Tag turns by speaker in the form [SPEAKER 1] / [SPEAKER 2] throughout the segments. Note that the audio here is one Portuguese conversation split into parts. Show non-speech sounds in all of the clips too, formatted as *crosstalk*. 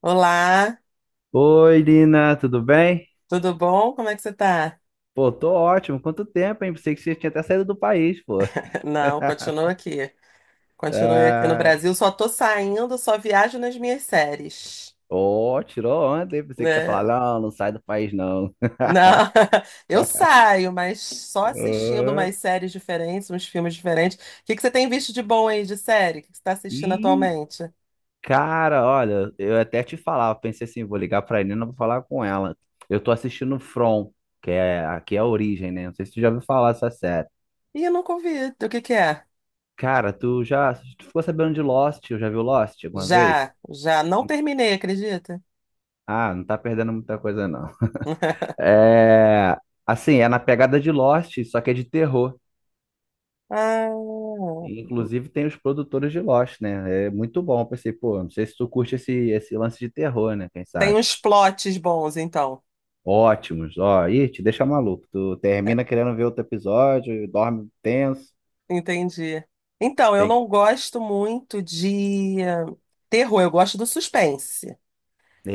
[SPEAKER 1] Olá,
[SPEAKER 2] Oi, Lina, tudo bem?
[SPEAKER 1] tudo bom? Como é que você tá?
[SPEAKER 2] Pô, tô ótimo. Quanto tempo, hein? Pensei que você tinha até saído do país, pô.
[SPEAKER 1] Não, continuo aqui. Continuo aqui no
[SPEAKER 2] Ah,
[SPEAKER 1] Brasil. Só tô saindo, só viajo nas minhas séries,
[SPEAKER 2] ó, tirou ontem. Pensei que tá
[SPEAKER 1] né?
[SPEAKER 2] falando, não, não sai do país, não.
[SPEAKER 1] Não, *laughs* eu saio, mas só assistindo
[SPEAKER 2] Ah,
[SPEAKER 1] umas séries diferentes, uns filmes diferentes. O que que você tem visto de bom aí de série? O que que você tá assistindo
[SPEAKER 2] E,
[SPEAKER 1] atualmente?
[SPEAKER 2] cara, olha, eu até te falava, pensei assim, vou ligar pra Nina, vou falar com ela. Eu tô assistindo From, que é aqui é a origem, né? Não sei se tu já ouviu falar dessa série.
[SPEAKER 1] Ih, eu nunca ouvi. O que que é?
[SPEAKER 2] Cara, tu ficou sabendo de Lost? Eu já viu Lost alguma vez?
[SPEAKER 1] Já, já. Não terminei, acredita?
[SPEAKER 2] Ah, não tá perdendo muita coisa, não.
[SPEAKER 1] *laughs*
[SPEAKER 2] É, assim, é na pegada de Lost, só que é de terror.
[SPEAKER 1] Ah,
[SPEAKER 2] E, inclusive tem os produtores de Lost, né? É muito bom. Eu pensei, pô, não sei se tu curte esse lance de terror, né? Quem
[SPEAKER 1] tem
[SPEAKER 2] sabe?
[SPEAKER 1] uns plots bons, então.
[SPEAKER 2] Ótimos. Ó, ih, te deixa maluco. Tu termina querendo ver outro episódio, dorme tenso.
[SPEAKER 1] Entendi. Então, eu
[SPEAKER 2] Tem que...
[SPEAKER 1] não gosto muito de terror, eu gosto do suspense.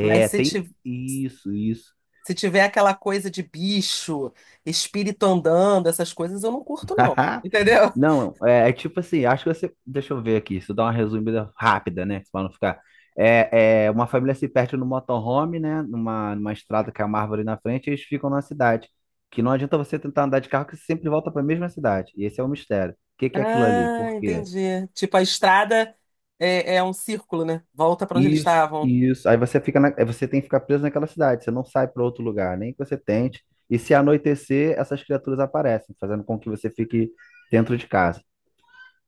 [SPEAKER 1] Mas se,
[SPEAKER 2] tem
[SPEAKER 1] ti-
[SPEAKER 2] isso, isso.
[SPEAKER 1] se tiver aquela coisa de bicho, espírito andando, essas coisas, eu não curto, não.
[SPEAKER 2] *laughs*
[SPEAKER 1] Entendeu?
[SPEAKER 2] Não, é tipo assim, acho que você. Deixa eu ver aqui, se eu dar uma resumida rápida, né? Pra não ficar. É, uma família se perde no motorhome, né? Numa estrada que é uma árvore na frente, e eles ficam na cidade. Que não adianta você tentar andar de carro, que você sempre volta para a mesma cidade. E esse é o mistério. O que que é aquilo ali?
[SPEAKER 1] Ah,
[SPEAKER 2] Por quê?
[SPEAKER 1] entendi. Tipo, a estrada é, é um círculo, né? Volta pra onde eles
[SPEAKER 2] Isso,
[SPEAKER 1] estavam.
[SPEAKER 2] isso. Aí você fica na, aí você tem que ficar preso naquela cidade, você não sai para outro lugar, nem que você tente. E se anoitecer, essas criaturas aparecem, fazendo com que você fique dentro de casa.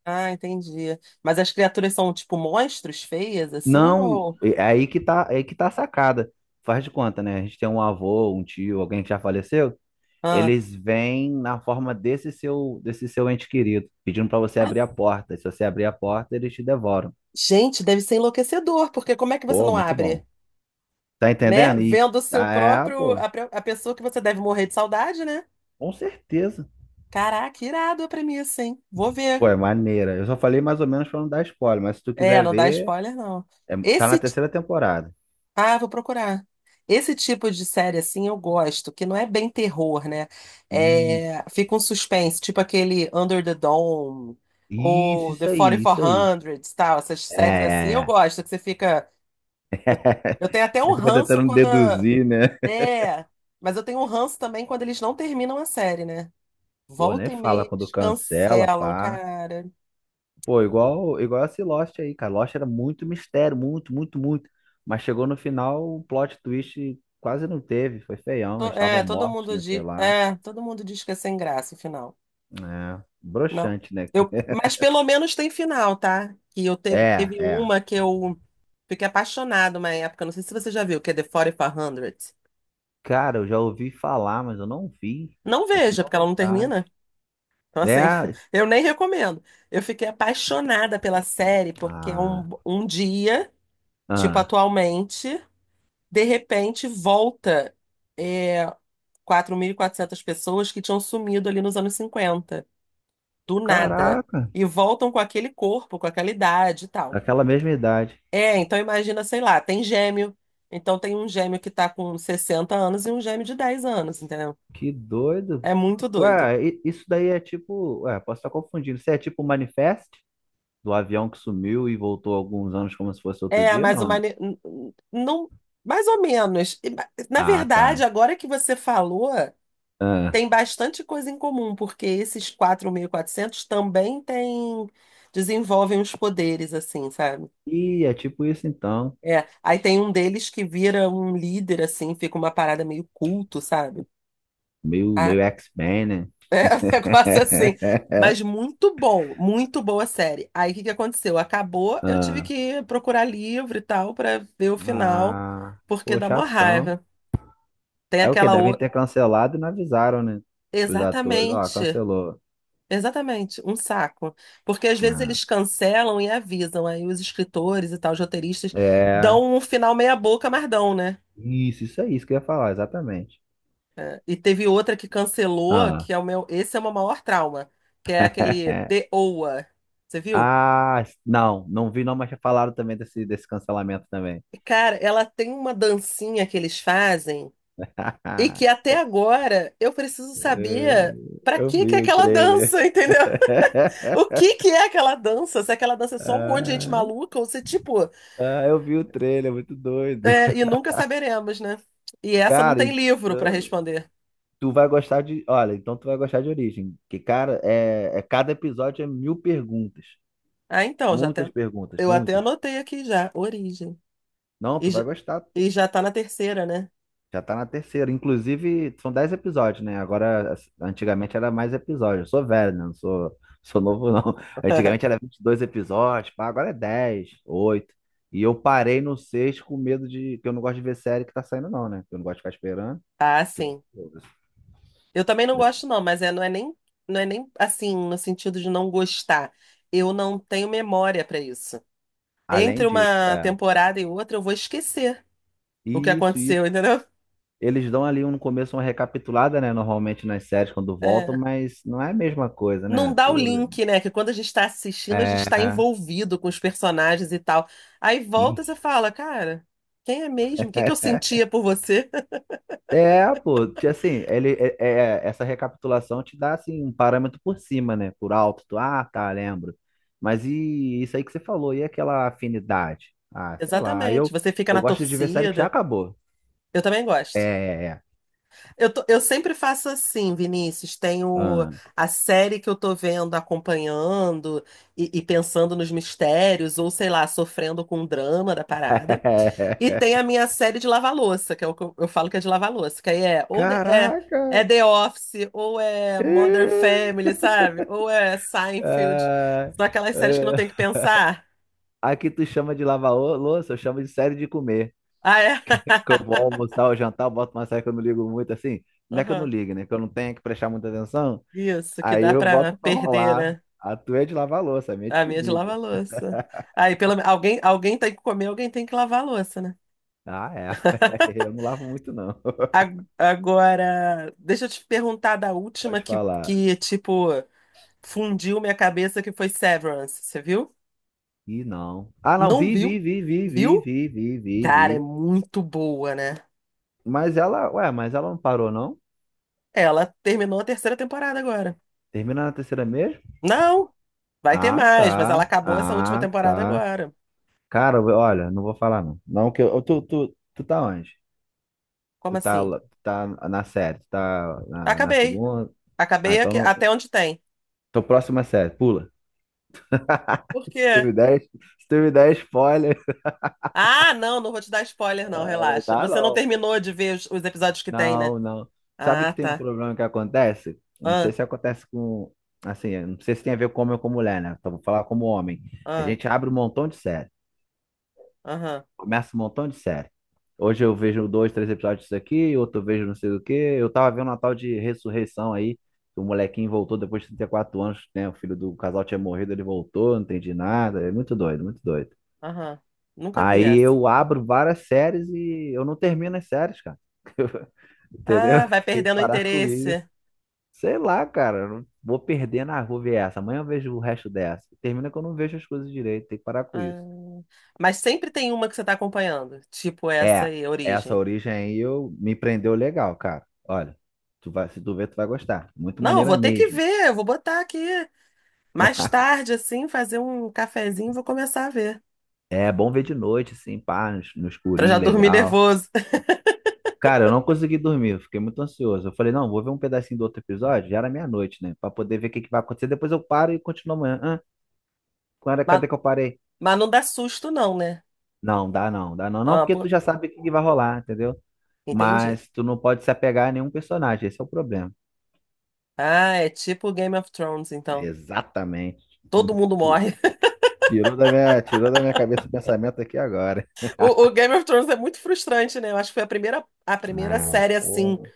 [SPEAKER 1] Ah, entendi. Mas as criaturas são, tipo, monstros feias, assim?
[SPEAKER 2] Não,
[SPEAKER 1] Ou...
[SPEAKER 2] é aí que tá, é aí que tá a sacada. Faz de conta, né? A gente tem um avô, um tio, alguém que já faleceu.
[SPEAKER 1] Ah.
[SPEAKER 2] Eles vêm na forma desse seu ente querido, pedindo pra você
[SPEAKER 1] Ah,
[SPEAKER 2] abrir a porta. Se você abrir a porta, eles te devoram.
[SPEAKER 1] gente, deve ser enlouquecedor, porque como é que você
[SPEAKER 2] Pô,
[SPEAKER 1] não
[SPEAKER 2] muito
[SPEAKER 1] abre?
[SPEAKER 2] bom. Tá
[SPEAKER 1] Né?
[SPEAKER 2] entendendo? E
[SPEAKER 1] Vendo o seu
[SPEAKER 2] ah, é,
[SPEAKER 1] próprio,
[SPEAKER 2] pô,
[SPEAKER 1] a, pre- a pessoa que você deve morrer de saudade, né?
[SPEAKER 2] com certeza.
[SPEAKER 1] Caraca, irado a premissa, hein? Vou
[SPEAKER 2] Pô,
[SPEAKER 1] ver.
[SPEAKER 2] é maneira. Eu só falei mais ou menos pra não dar spoiler, mas se tu
[SPEAKER 1] É,
[SPEAKER 2] quiser
[SPEAKER 1] não dá
[SPEAKER 2] ver,
[SPEAKER 1] spoiler, não.
[SPEAKER 2] tá na
[SPEAKER 1] Esse, ti-
[SPEAKER 2] terceira temporada.
[SPEAKER 1] Vou procurar. Esse tipo de série, assim, eu gosto, que não é bem terror, né?
[SPEAKER 2] Isso,
[SPEAKER 1] É, fica um suspense, tipo aquele Under the Dome,
[SPEAKER 2] isso,
[SPEAKER 1] ou The
[SPEAKER 2] isso aí, isso aí.
[SPEAKER 1] 4400, tal, essas
[SPEAKER 2] É,
[SPEAKER 1] séries assim,
[SPEAKER 2] é,
[SPEAKER 1] eu
[SPEAKER 2] é.
[SPEAKER 1] gosto, que você fica...
[SPEAKER 2] *laughs*
[SPEAKER 1] Eu tenho até um
[SPEAKER 2] Você fica
[SPEAKER 1] ranço
[SPEAKER 2] tentando
[SPEAKER 1] quando... a-
[SPEAKER 2] deduzir, né?
[SPEAKER 1] É, mas eu tenho um ranço também quando eles não terminam a série, né?
[SPEAKER 2] Pô, nem
[SPEAKER 1] Volta e
[SPEAKER 2] fala
[SPEAKER 1] meia
[SPEAKER 2] quando
[SPEAKER 1] eles
[SPEAKER 2] cancela,
[SPEAKER 1] cancelam,
[SPEAKER 2] pá.
[SPEAKER 1] cara.
[SPEAKER 2] Pô, igual esse Lost aí, cara. Lost era muito mistério, muito, muito, muito. Mas chegou no final, o plot twist quase não teve, foi feião. Eles
[SPEAKER 1] É,
[SPEAKER 2] estavam
[SPEAKER 1] todo
[SPEAKER 2] mortos,
[SPEAKER 1] mundo
[SPEAKER 2] né? Sei
[SPEAKER 1] diz,
[SPEAKER 2] lá.
[SPEAKER 1] é, todo mundo diz que é sem graça o final.
[SPEAKER 2] É,
[SPEAKER 1] Não.
[SPEAKER 2] broxante, né?
[SPEAKER 1] Mas pelo menos tem final, tá? Que
[SPEAKER 2] É,
[SPEAKER 1] teve
[SPEAKER 2] é.
[SPEAKER 1] uma que eu fiquei apaixonado uma época, não sei se você já viu, que é The 4400.
[SPEAKER 2] Cara, eu já ouvi falar, mas eu não vi.
[SPEAKER 1] Não
[SPEAKER 2] Eu tenho
[SPEAKER 1] veja,
[SPEAKER 2] uma
[SPEAKER 1] porque ela não termina.
[SPEAKER 2] vontade.
[SPEAKER 1] Então assim,
[SPEAKER 2] Né?
[SPEAKER 1] *laughs* eu nem recomendo. Eu fiquei apaixonada pela série porque é
[SPEAKER 2] Ah,
[SPEAKER 1] um dia, tipo
[SPEAKER 2] ah.
[SPEAKER 1] atualmente, de repente volta é, 4.400 pessoas que tinham sumido ali nos anos 50 do nada,
[SPEAKER 2] Caraca,
[SPEAKER 1] e voltam com aquele corpo, com aquela idade e tal.
[SPEAKER 2] aquela mesma idade.
[SPEAKER 1] É, então imagina, sei lá, tem gêmeo. Então tem um gêmeo que tá com 60 anos e um gêmeo de 10 anos, entendeu?
[SPEAKER 2] Que doido.
[SPEAKER 1] É muito doido.
[SPEAKER 2] Ué, isso daí é tipo. Ué, posso estar confundindo. Isso é tipo manifest? Do avião que sumiu e voltou alguns anos como se fosse outro
[SPEAKER 1] É,
[SPEAKER 2] dia,
[SPEAKER 1] mas o
[SPEAKER 2] não.
[SPEAKER 1] mane... não, mais ou menos. Na
[SPEAKER 2] Ah,
[SPEAKER 1] verdade,
[SPEAKER 2] tá.
[SPEAKER 1] agora que você falou,
[SPEAKER 2] Ah.
[SPEAKER 1] tem bastante coisa em comum, porque esses 4.400 também têm desenvolvem os poderes assim, sabe?
[SPEAKER 2] E é tipo isso então.
[SPEAKER 1] É, aí tem um deles que vira um líder, assim, fica uma parada meio culto, sabe?
[SPEAKER 2] Meio,
[SPEAKER 1] Ah,
[SPEAKER 2] meio X-Men, né?
[SPEAKER 1] *laughs* é um negócio assim. Mas
[SPEAKER 2] *laughs*
[SPEAKER 1] muito bom, muito boa série. Aí o que que aconteceu? Acabou, eu tive
[SPEAKER 2] Ah,
[SPEAKER 1] que procurar livro e tal pra ver o final,
[SPEAKER 2] ah,
[SPEAKER 1] porque
[SPEAKER 2] pô,
[SPEAKER 1] dá mó
[SPEAKER 2] chatão.
[SPEAKER 1] raiva. Tem
[SPEAKER 2] É o que?
[SPEAKER 1] aquela
[SPEAKER 2] Devem
[SPEAKER 1] o...
[SPEAKER 2] ter cancelado e não avisaram, né? Os atores, ó,
[SPEAKER 1] Exatamente,
[SPEAKER 2] cancelou.
[SPEAKER 1] exatamente, um saco. Porque às vezes
[SPEAKER 2] Ah,
[SPEAKER 1] eles cancelam e avisam, aí os escritores e tal, os roteiristas
[SPEAKER 2] é.
[SPEAKER 1] dão um final meia boca, mas dão, né?
[SPEAKER 2] Isso é isso que eu ia falar, exatamente.
[SPEAKER 1] E teve outra que cancelou,
[SPEAKER 2] Ah,
[SPEAKER 1] que é o meu. Esse é o meu maior trauma, que é aquele The
[SPEAKER 2] *laughs*
[SPEAKER 1] Oa. Você viu?
[SPEAKER 2] ah, não, não vi não, mas já falaram também desse cancelamento também.
[SPEAKER 1] Cara, ela tem uma dancinha que eles fazem e que
[SPEAKER 2] *laughs*
[SPEAKER 1] até agora eu preciso
[SPEAKER 2] É,
[SPEAKER 1] saber pra
[SPEAKER 2] eu
[SPEAKER 1] que que é
[SPEAKER 2] vi o
[SPEAKER 1] aquela
[SPEAKER 2] trailer.
[SPEAKER 1] dança, entendeu? *laughs* O
[SPEAKER 2] *laughs*
[SPEAKER 1] que que é aquela dança? Se aquela dança é só um monte de gente
[SPEAKER 2] Ah,
[SPEAKER 1] maluca ou se tipo.
[SPEAKER 2] ah, eu vi o trailer, muito doido.
[SPEAKER 1] É, e nunca saberemos, né? E essa não
[SPEAKER 2] Cara,
[SPEAKER 1] tem livro pra
[SPEAKER 2] então,
[SPEAKER 1] responder.
[SPEAKER 2] tu vai gostar de. Olha, então tu vai gostar de Origem. Que, cara, cada episódio é mil perguntas.
[SPEAKER 1] Ah, então,
[SPEAKER 2] Muitas perguntas,
[SPEAKER 1] eu até
[SPEAKER 2] muitas.
[SPEAKER 1] anotei aqui já, origem.
[SPEAKER 2] Não,
[SPEAKER 1] E
[SPEAKER 2] tu vai
[SPEAKER 1] já,
[SPEAKER 2] gostar.
[SPEAKER 1] e já tá na terceira, né?
[SPEAKER 2] Já tá na terceira. Inclusive, são 10 episódios, né? Agora, antigamente era mais episódios. Eu sou velho, né? Não sou, sou novo, não. *laughs* Antigamente
[SPEAKER 1] *laughs*
[SPEAKER 2] era 22 episódios, pá, agora é 10 oito. E eu parei no 6 com medo de. Que eu não gosto de ver série que tá saindo, não, né? Que eu não gosto de ficar esperando.
[SPEAKER 1] Ah, sim. Eu também não gosto, não, mas não é nem assim, no sentido de não gostar. Eu não tenho memória para isso.
[SPEAKER 2] Além
[SPEAKER 1] Entre
[SPEAKER 2] disso,
[SPEAKER 1] uma
[SPEAKER 2] é.
[SPEAKER 1] temporada e outra, eu vou esquecer o que
[SPEAKER 2] E isso, isso.
[SPEAKER 1] aconteceu, entendeu?
[SPEAKER 2] Eles dão ali no começo uma recapitulada, né? Normalmente nas séries quando voltam,
[SPEAKER 1] É.
[SPEAKER 2] mas não é a mesma coisa,
[SPEAKER 1] Não
[SPEAKER 2] né?
[SPEAKER 1] dá o
[SPEAKER 2] Tu...
[SPEAKER 1] link, né? Que quando a gente está assistindo, a gente
[SPEAKER 2] É.
[SPEAKER 1] está envolvido com os personagens e tal. Aí volta e você
[SPEAKER 2] *laughs*
[SPEAKER 1] fala, cara, quem é mesmo? O que que eu sentia por você?
[SPEAKER 2] É, pô, assim, ele, essa recapitulação te dá, assim, um parâmetro por cima, né? Por alto, tu, ah, tá, lembro. Mas e isso aí que você falou, e aquela afinidade?
[SPEAKER 1] *laughs*
[SPEAKER 2] Ah, sei lá, aí
[SPEAKER 1] Exatamente.
[SPEAKER 2] eu,
[SPEAKER 1] Você fica
[SPEAKER 2] eu
[SPEAKER 1] na
[SPEAKER 2] gosto de ver série que já
[SPEAKER 1] torcida.
[SPEAKER 2] acabou.
[SPEAKER 1] Eu também
[SPEAKER 2] É,
[SPEAKER 1] gosto.
[SPEAKER 2] é, é.
[SPEAKER 1] Eu sempre faço assim, Vinícius. Tenho
[SPEAKER 2] Ah.
[SPEAKER 1] a série que eu tô vendo, acompanhando e pensando nos mistérios, ou sei lá, sofrendo com o drama da parada. E
[SPEAKER 2] *laughs*
[SPEAKER 1] tem a minha série de lavar-louça, que é o que eu falo que é de lavar-louça, que aí é ou é
[SPEAKER 2] Caraca!
[SPEAKER 1] The Office, ou é
[SPEAKER 2] É,
[SPEAKER 1] Modern Family, sabe? Ou é Seinfeld.
[SPEAKER 2] é,
[SPEAKER 1] São aquelas séries que
[SPEAKER 2] é.
[SPEAKER 1] não tem que pensar.
[SPEAKER 2] Aqui tu chama de lavar louça, eu chamo de série de comer.
[SPEAKER 1] Ah, é?
[SPEAKER 2] Que eu vou
[SPEAKER 1] *laughs*
[SPEAKER 2] almoçar ou jantar, eu boto uma série que eu não ligo muito, assim. Não é que eu não
[SPEAKER 1] Aham.
[SPEAKER 2] ligo, né? Que eu não tenho que prestar muita atenção.
[SPEAKER 1] Isso, que
[SPEAKER 2] Aí
[SPEAKER 1] dá
[SPEAKER 2] eu
[SPEAKER 1] pra
[SPEAKER 2] boto pra
[SPEAKER 1] perder,
[SPEAKER 2] rolar.
[SPEAKER 1] né?
[SPEAKER 2] A tua é de lavar louça, a minha é de
[SPEAKER 1] A minha é de
[SPEAKER 2] comida.
[SPEAKER 1] lavar louça. Aí, pelo me- alguém, alguém tem que comer, alguém tem que lavar a louça, né?
[SPEAKER 2] Ah, é. *laughs* Eu não lavo muito, não.
[SPEAKER 1] A- Agora, deixa eu te perguntar da
[SPEAKER 2] *laughs*
[SPEAKER 1] última
[SPEAKER 2] Pode falar.
[SPEAKER 1] tipo, fundiu minha cabeça, que foi Severance. Você viu?
[SPEAKER 2] Ih, não. Ah, não,
[SPEAKER 1] Não
[SPEAKER 2] vi,
[SPEAKER 1] viu?
[SPEAKER 2] vi, vi, vi, vi,
[SPEAKER 1] Viu?
[SPEAKER 2] vi, vi, vi,
[SPEAKER 1] Cara, é
[SPEAKER 2] vi.
[SPEAKER 1] muito boa, né?
[SPEAKER 2] Mas ela, ué, mas ela não parou, não?
[SPEAKER 1] Ela terminou a terceira temporada agora.
[SPEAKER 2] Termina na terceira mesmo?
[SPEAKER 1] Não, vai ter
[SPEAKER 2] Ah,
[SPEAKER 1] mais, mas ela
[SPEAKER 2] tá.
[SPEAKER 1] acabou essa última
[SPEAKER 2] Ah,
[SPEAKER 1] temporada
[SPEAKER 2] tá.
[SPEAKER 1] agora.
[SPEAKER 2] Cara, olha, não vou falar, não. Não, que eu, tu tá onde?
[SPEAKER 1] Como assim?
[SPEAKER 2] Tu tá na série? Tu tá na
[SPEAKER 1] Acabei.
[SPEAKER 2] segunda? Ah,
[SPEAKER 1] Acabei
[SPEAKER 2] então
[SPEAKER 1] aqui-
[SPEAKER 2] não.
[SPEAKER 1] até onde tem.
[SPEAKER 2] Tô próxima série, pula.
[SPEAKER 1] Por
[SPEAKER 2] *laughs* Se tu
[SPEAKER 1] quê?
[SPEAKER 2] me der, se tu me der spoiler.
[SPEAKER 1] Ah, não, não vou te dar spoiler, não, relaxa.
[SPEAKER 2] Dá
[SPEAKER 1] Você não
[SPEAKER 2] não, pô.
[SPEAKER 1] terminou de ver os episódios que tem, né?
[SPEAKER 2] Não, não. Sabe
[SPEAKER 1] Ah,
[SPEAKER 2] que tem um
[SPEAKER 1] tá.
[SPEAKER 2] problema que acontece? Não sei
[SPEAKER 1] Ah,
[SPEAKER 2] se acontece com. Assim, eu não sei se tem a ver com homem ou com mulher, né? Então vou falar como homem. A
[SPEAKER 1] ah,
[SPEAKER 2] gente abre um montão de série.
[SPEAKER 1] aham,
[SPEAKER 2] Começa um montão de série. Hoje eu vejo dois, três episódios disso aqui, outro eu vejo não sei o quê. Eu tava vendo uma tal de ressurreição aí. Que o molequinho voltou depois de 34 anos, né? O filho do casal tinha morrido, ele voltou, não entendi nada. É muito doido, muito doido.
[SPEAKER 1] aham. Nunca vi
[SPEAKER 2] Aí
[SPEAKER 1] essa.
[SPEAKER 2] eu abro várias séries e eu não termino as séries, cara. *laughs* Entendeu?
[SPEAKER 1] Ah,
[SPEAKER 2] *laughs*
[SPEAKER 1] vai
[SPEAKER 2] Tem que
[SPEAKER 1] perdendo o
[SPEAKER 2] parar com isso.
[SPEAKER 1] interesse.
[SPEAKER 2] Sei lá, cara. Eu não vou perder na rua ver essa. Amanhã eu vejo o resto dessa. Termina que eu não vejo as coisas direito. Tem que parar com
[SPEAKER 1] Ah,
[SPEAKER 2] isso.
[SPEAKER 1] mas sempre tem uma que você tá acompanhando, tipo essa
[SPEAKER 2] É,
[SPEAKER 1] aí,
[SPEAKER 2] essa
[SPEAKER 1] Origem.
[SPEAKER 2] origem aí me prendeu legal, cara. Olha, se tu ver, tu vai gostar. Muito
[SPEAKER 1] Não, eu
[SPEAKER 2] maneira
[SPEAKER 1] vou ter que
[SPEAKER 2] mesmo.
[SPEAKER 1] ver, eu vou botar aqui. Mais tarde, assim, fazer um cafezinho, vou começar a ver.
[SPEAKER 2] É bom ver de noite, assim, pá, no
[SPEAKER 1] Pra já
[SPEAKER 2] escurinho,
[SPEAKER 1] dormir
[SPEAKER 2] legal.
[SPEAKER 1] nervoso.
[SPEAKER 2] Cara, eu não consegui dormir, eu fiquei muito ansioso. Eu falei, não, vou ver um pedacinho do outro episódio, já era meia-noite, né? Pra poder ver o que que vai acontecer. Depois eu paro e continuo amanhã. Hã? Quando Ah,
[SPEAKER 1] *laughs* Mas,
[SPEAKER 2] cadê que eu parei?
[SPEAKER 1] mas não dá susto, não, né?
[SPEAKER 2] Não, dá não, dá não. Não,
[SPEAKER 1] Ah,
[SPEAKER 2] porque tu
[SPEAKER 1] pô,
[SPEAKER 2] já sabe o que que vai rolar, entendeu?
[SPEAKER 1] entendi.
[SPEAKER 2] Mas tu não pode se apegar a nenhum personagem, esse é o problema.
[SPEAKER 1] Ah, é tipo Game of Thrones, então.
[SPEAKER 2] Exatamente.
[SPEAKER 1] Todo
[SPEAKER 2] *laughs*
[SPEAKER 1] mundo morre. *laughs*
[SPEAKER 2] Tirou da minha cabeça o pensamento aqui agora.
[SPEAKER 1] O Game of Thrones é muito frustrante, né? Eu acho que foi a primeira
[SPEAKER 2] Ah,
[SPEAKER 1] série assim
[SPEAKER 2] pô.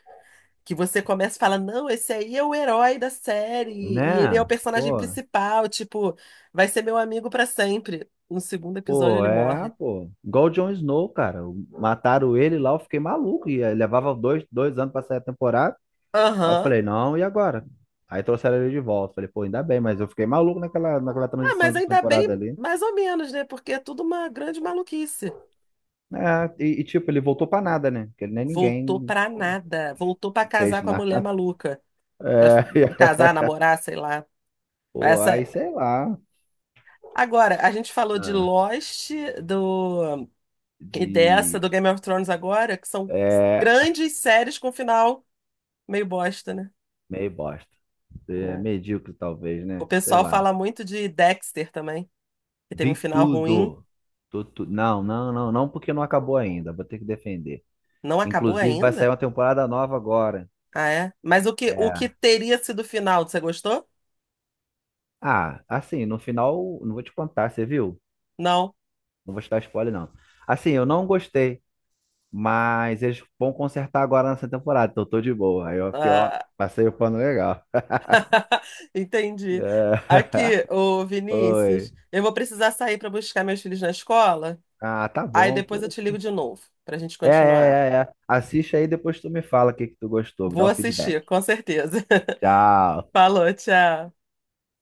[SPEAKER 1] que você começa e fala: não, esse aí é o herói da série, e ele é o
[SPEAKER 2] Né?
[SPEAKER 1] personagem
[SPEAKER 2] Pô,
[SPEAKER 1] principal, tipo, vai ser meu amigo pra sempre. No segundo episódio
[SPEAKER 2] pô,
[SPEAKER 1] ele
[SPEAKER 2] é,
[SPEAKER 1] morre.
[SPEAKER 2] pô. Igual o Jon Snow, cara. Mataram ele lá, eu fiquei maluco. E aí levava dois, dois anos pra sair a temporada. Aí eu
[SPEAKER 1] Aham.
[SPEAKER 2] falei, não, e agora? Aí trouxeram ele de volta. Falei, pô, ainda bem, mas eu fiquei maluco naquela
[SPEAKER 1] Ah,
[SPEAKER 2] transição
[SPEAKER 1] mas
[SPEAKER 2] de
[SPEAKER 1] ainda bem,
[SPEAKER 2] temporada ali.
[SPEAKER 1] mais ou menos, né? Porque é tudo uma grande maluquice.
[SPEAKER 2] É, e, tipo, ele voltou pra nada, né? Porque nem
[SPEAKER 1] Voltou
[SPEAKER 2] ninguém
[SPEAKER 1] pra nada. Voltou pra casar
[SPEAKER 2] fez
[SPEAKER 1] com a mulher
[SPEAKER 2] nada.
[SPEAKER 1] maluca. Pra f-
[SPEAKER 2] É, *laughs*
[SPEAKER 1] Casar, namorar, sei lá.
[SPEAKER 2] pô, aí
[SPEAKER 1] Essa.
[SPEAKER 2] sei lá.
[SPEAKER 1] Agora, a gente falou de
[SPEAKER 2] Ah,
[SPEAKER 1] Lost, do. E dessa
[SPEAKER 2] de.
[SPEAKER 1] do Game of Thrones agora, que são
[SPEAKER 2] É,
[SPEAKER 1] grandes séries com final meio bosta, né?
[SPEAKER 2] meio bosta. É,
[SPEAKER 1] É.
[SPEAKER 2] medíocre, talvez,
[SPEAKER 1] O
[SPEAKER 2] né? Sei
[SPEAKER 1] pessoal
[SPEAKER 2] lá.
[SPEAKER 1] fala muito de Dexter também, que teve
[SPEAKER 2] Vi
[SPEAKER 1] um final ruim.
[SPEAKER 2] tudo. Não, não, não, não, porque não acabou ainda. Vou ter que defender.
[SPEAKER 1] Não acabou
[SPEAKER 2] Inclusive, vai sair
[SPEAKER 1] ainda?
[SPEAKER 2] uma temporada nova agora.
[SPEAKER 1] Ah, é? Mas o que
[SPEAKER 2] É.
[SPEAKER 1] teria sido o final? Você gostou?
[SPEAKER 2] Ah, assim, no final, não vou te contar, você viu?
[SPEAKER 1] Não.
[SPEAKER 2] Não vou te dar spoiler, não. Assim, eu não gostei. Mas eles vão consertar agora nessa temporada, então eu tô de boa. Aí eu fiquei, ó,
[SPEAKER 1] Ah,
[SPEAKER 2] passei o pano legal.
[SPEAKER 1] *laughs* entendi.
[SPEAKER 2] É.
[SPEAKER 1] Aqui, ô
[SPEAKER 2] *laughs* Oi.
[SPEAKER 1] Vinícius, eu vou precisar sair para buscar meus filhos na escola.
[SPEAKER 2] Ah, tá
[SPEAKER 1] Aí
[SPEAKER 2] bom,
[SPEAKER 1] depois eu te
[SPEAKER 2] poxa.
[SPEAKER 1] ligo de novo para a gente
[SPEAKER 2] É,
[SPEAKER 1] continuar.
[SPEAKER 2] é, é, é. Assiste aí, depois tu me fala o que que tu gostou, me
[SPEAKER 1] Vou
[SPEAKER 2] dá o feedback.
[SPEAKER 1] assistir, com certeza.
[SPEAKER 2] Tchau.
[SPEAKER 1] *laughs* Falou, tchau.